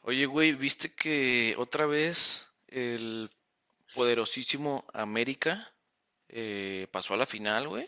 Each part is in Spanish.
Oye, güey, ¿viste que otra vez el poderosísimo América pasó a la final, güey?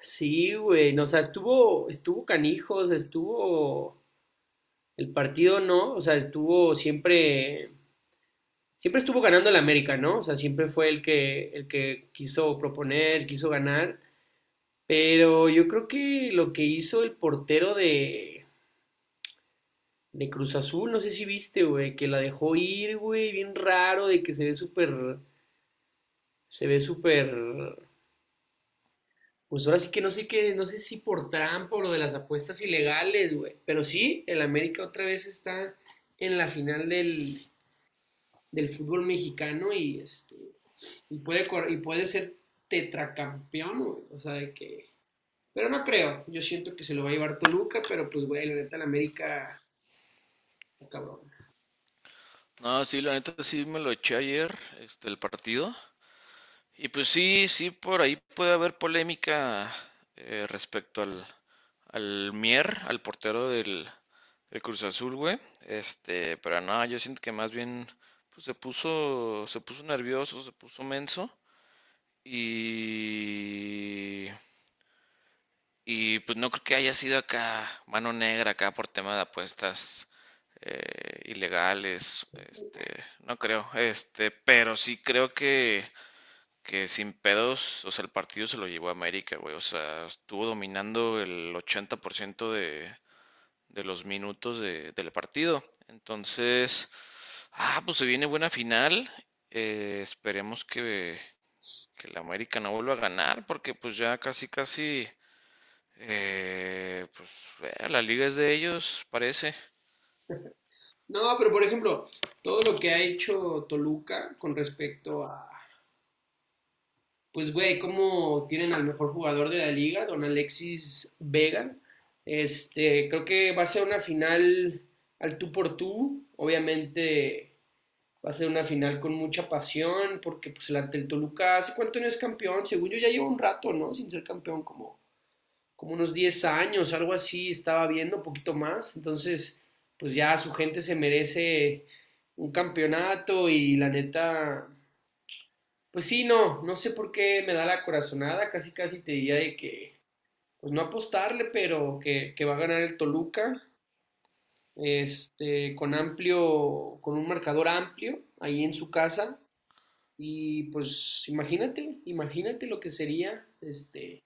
Sí, güey, no, o sea, estuvo canijos, estuvo el partido, ¿no? O sea, estuvo siempre, siempre estuvo ganando el América, ¿no? O sea, siempre fue el que quiso proponer, quiso ganar, pero yo creo que lo que hizo el portero de Cruz Azul, no sé si viste, güey, que la dejó ir, güey, bien raro, de que se ve súper, se ve súper. Pues ahora sí que no sé qué, no sé si por trampa o lo de las apuestas ilegales, güey. Pero sí, el América otra vez está en la final del, del fútbol mexicano y y y puede ser tetracampeón, güey. O sea, de que pero no creo. Yo siento que se lo va a llevar Toluca, pero pues güey, la neta el América está cabrón. No, sí, la neta sí me lo eché ayer, este, el partido. Y pues sí, sí, por ahí puede haber polémica respecto al Mier, al portero del Cruz Azul, güey. Este, pero no, yo siento que más bien pues, se puso nervioso, se puso menso. Y Y pues no creo que haya sido acá mano negra, acá por tema de apuestas ilegales, este, no creo, este, pero sí creo que sin pedos, o sea, el partido se lo llevó a América, güey, o sea, estuvo dominando el 80% de los minutos del partido. Entonces, pues se viene buena final, esperemos que la América no vuelva a ganar, porque pues ya casi, casi la liga es de ellos, parece. No, pero por ejemplo, todo lo que ha hecho Toluca con respecto a. Pues, güey, como tienen al mejor jugador de la liga, don Alexis Vega. Creo que va a ser una final al tú por tú. Obviamente va a ser una final con mucha pasión, porque pues el ante el Toluca, ¿hace cuánto no es campeón? Según yo ya lleva un rato, ¿no? Sin ser campeón, como, como unos 10 años, algo así, estaba viendo, un poquito más. Entonces, pues ya su gente se merece un campeonato y la neta pues sí, no, no sé por qué me da la corazonada, casi casi te diría de que, pues no apostarle, pero que va a ganar el Toluca, con amplio, con un marcador amplio, ahí en su casa, y pues imagínate, imagínate lo que sería,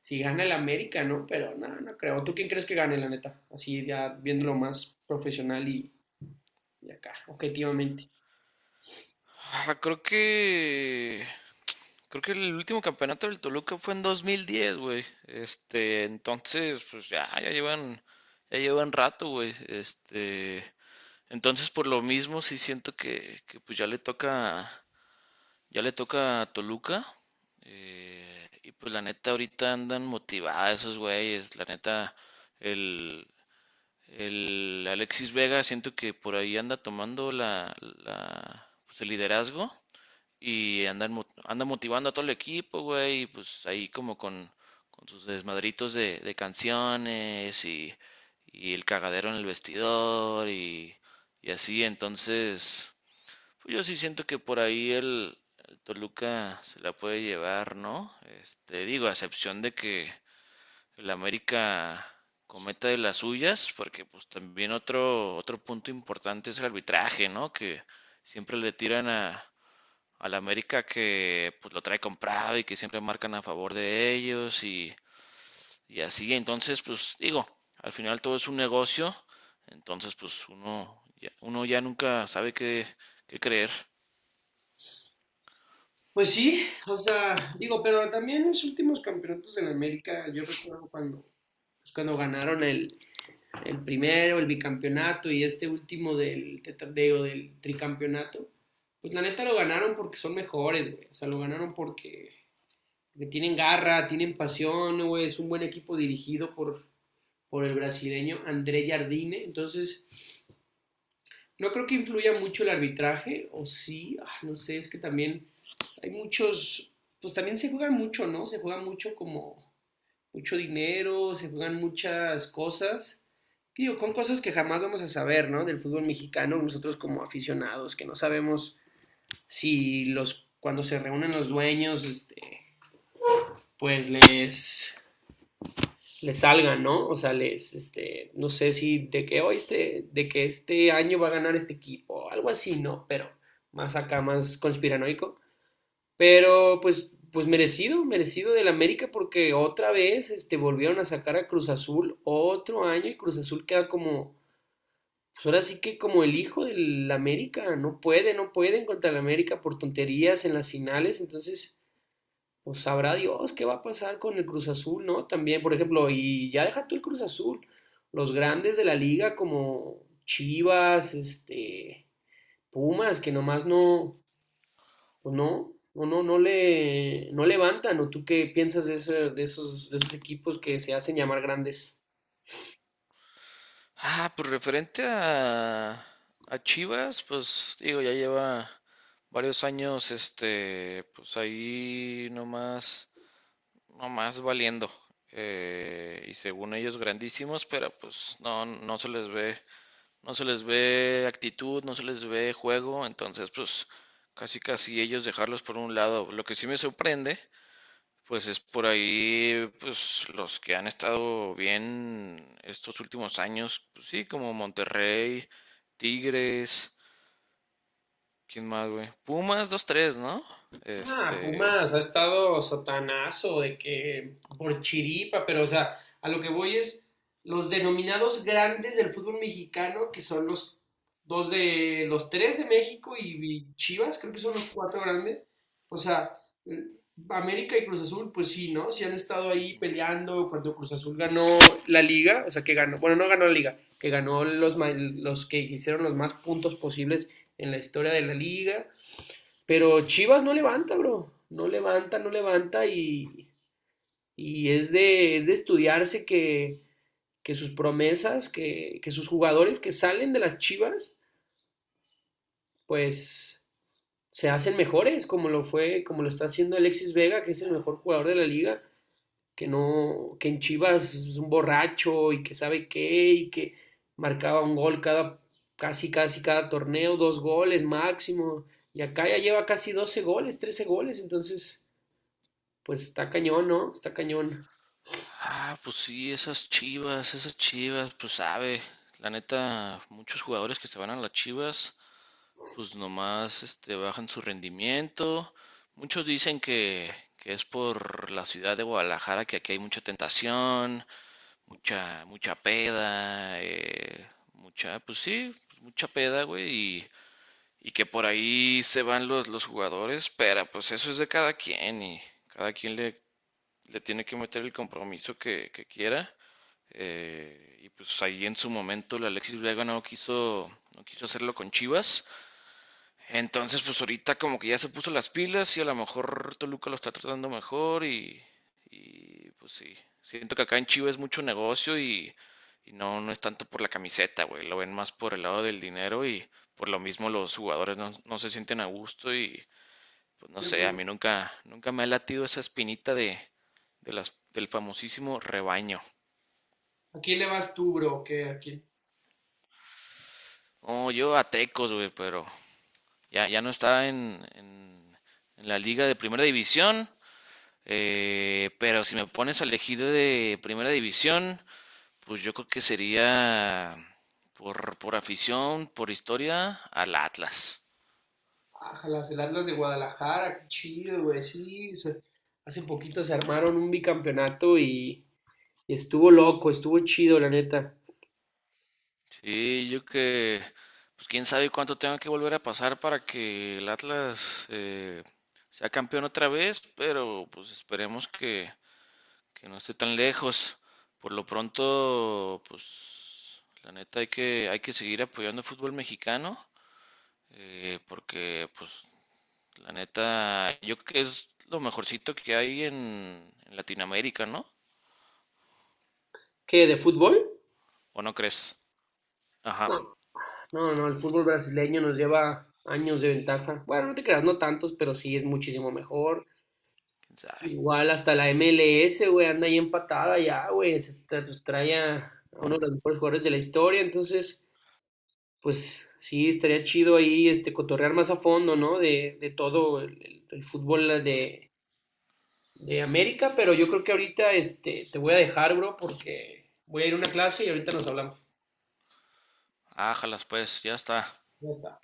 si gana el América, ¿no? Pero no, no creo. ¿Tú quién crees que gane, la neta? Así ya viéndolo más profesional y acá, objetivamente. Ah, creo que el último campeonato del Toluca fue en 2010, güey. Este, entonces, pues ya llevan rato, güey. Este, entonces por lo mismo sí siento que pues ya le toca a Toluca. Y pues la neta ahorita andan motivadas esos güeyes, la neta el El Alexis Vega siento que por ahí anda tomando pues, el liderazgo y anda motivando a todo el equipo, güey, y pues ahí como con sus desmadritos de canciones y el cagadero en el vestidor y así, entonces, pues yo sí siento que por ahí el Toluca se la puede llevar, ¿no? Este, digo, a excepción de que el América cometa de las suyas, porque pues también otro punto importante es el arbitraje, ¿no? Que siempre le tiran al América que pues lo trae comprado y que siempre marcan a favor de ellos y así. Entonces, pues digo, al final todo es un negocio, entonces pues uno ya nunca sabe qué creer. Pues sí, o sea, digo, pero también los últimos campeonatos de la América, yo recuerdo cuando, pues, cuando ganaron el primero, el bicampeonato y este último digo, del tricampeonato, pues la neta lo ganaron porque son mejores, güey. O sea, lo ganaron porque, porque tienen garra, tienen pasión, güey. Es un buen equipo dirigido por el brasileño André Jardine. Entonces, no creo que influya mucho el arbitraje, o sí, no sé, es que también hay muchos, pues también se juega mucho, ¿no? Se juega mucho como mucho dinero, se juegan muchas cosas. Digo, con cosas que jamás vamos a saber, ¿no? Del fútbol mexicano, nosotros como aficionados, que no sabemos si los, cuando se reúnen los dueños, pues les les salgan, ¿no? O sea, les, no sé si de que hoy de que este año va a ganar este equipo, algo así, ¿no? Pero más acá, más conspiranoico. Pero pues, pues merecido del América porque otra vez, volvieron a sacar a Cruz Azul otro año y Cruz Azul queda como, pues ahora sí que como el hijo del América, no pueden contra el América por tonterías en las finales, entonces pues sabrá Dios qué va a pasar con el Cruz Azul, ¿no? También, por ejemplo, y ya deja tú el Cruz Azul, los grandes de la liga como Chivas, Pumas, que nomás no, pues no, no levantan, ¿o tú qué piensas de, de esos equipos que se hacen llamar grandes? Ah, pues referente a Chivas, pues digo, ya lleva varios años, este, pues ahí nomás, nomás valiendo. Y según ellos grandísimos, pero pues no se les ve, no se les ve actitud, no se les ve juego, entonces pues casi casi ellos dejarlos por un lado. Lo que sí me sorprende pues es por ahí, pues los que han estado bien estos últimos años, pues sí, como Monterrey, Tigres, ¿quién más, güey? Pumas dos tres, ¿no? Este. Pumas ha estado sotanazo de que por chiripa, pero o sea, a lo que voy es los denominados grandes del fútbol mexicano, que son los dos de los tres de México y Chivas, creo que son los cuatro grandes. O sea, eh, América y Cruz Azul, pues sí, ¿no? Sí han estado ahí Ujú. peleando cuando Cruz Azul ganó la liga, o sea, que ganó, bueno, no ganó la liga, que ganó los que hicieron los más puntos posibles en la historia de la liga, pero Chivas no levanta, bro. No levanta, no levanta y es de estudiarse que, sus promesas, que sus jugadores que salen de las Chivas, pues se hacen mejores, como lo fue, como lo está haciendo Alexis Vega, que es el mejor jugador de la liga, que no, que en Chivas es un borracho y que sabe qué, y que marcaba un gol cada, casi cada torneo, 2 goles máximo, y acá ya lleva casi 12 goles, 13 goles, entonces. Pues está cañón, ¿no? Está cañón. Ah, pues sí, esas Chivas, pues sabe, la neta, muchos jugadores que se van a las Chivas, pues nomás este, bajan su rendimiento. Muchos dicen que es por la ciudad de Guadalajara, que aquí hay mucha tentación, mucha, mucha peda, mucha, pues sí, pues mucha peda, güey, y que por ahí se van los jugadores, pero pues eso es de cada quien y cada quien le tiene que meter el compromiso que quiera. Y pues ahí en su momento el Alexis Vega no quiso hacerlo con Chivas. Entonces, pues ahorita como que ya se puso las pilas y a lo mejor Toluca lo está tratando mejor pues sí, siento que acá en Chivas es mucho negocio y no es tanto por la camiseta, güey, lo ven más por el lado del dinero y por lo mismo los jugadores no se sienten a gusto y pues no Pero, sé, a pues, mí nunca, nunca me ha latido esa espinita del famosísimo rebaño. ¿a quién le vas tú, bro? ¿Qué? ¿A quién? Oh, yo a Tecos, güey, pero ya no está en la liga de primera división. Pero si me pones a elegir de primera división, pues yo creo que sería por afición, por historia, al Atlas. Ájalas, el Atlas de Guadalajara, qué chido, güey, sí. Hace poquito se armaron un bicampeonato y estuvo loco, estuvo chido, la neta. Sí, pues quién sabe cuánto tenga que volver a pasar para que el Atlas sea campeón otra vez, pero pues esperemos que no esté tan lejos. Por lo pronto, pues la neta hay que seguir apoyando el fútbol mexicano, porque pues la neta, yo creo que es lo mejorcito que hay en Latinoamérica, ¿no? ¿Qué? ¿De fútbol? ¿O no crees? No, Ajá, no, no, el fútbol brasileño nos lleva años de ventaja. Bueno, no te creas, no tantos, pero sí es muchísimo mejor. quién sabe. Igual hasta la MLS, güey, anda ahí empatada ya, güey. Pues, trae a uno de los mejores jugadores de la historia. Entonces, pues sí, estaría chido ahí cotorrear más a fondo, ¿no? De todo el, el fútbol de América. Pero yo creo que ahorita te voy a dejar, bro, porque voy a ir a una clase y ahorita nos hablamos. Ájalas, pues, ya está. Ya está.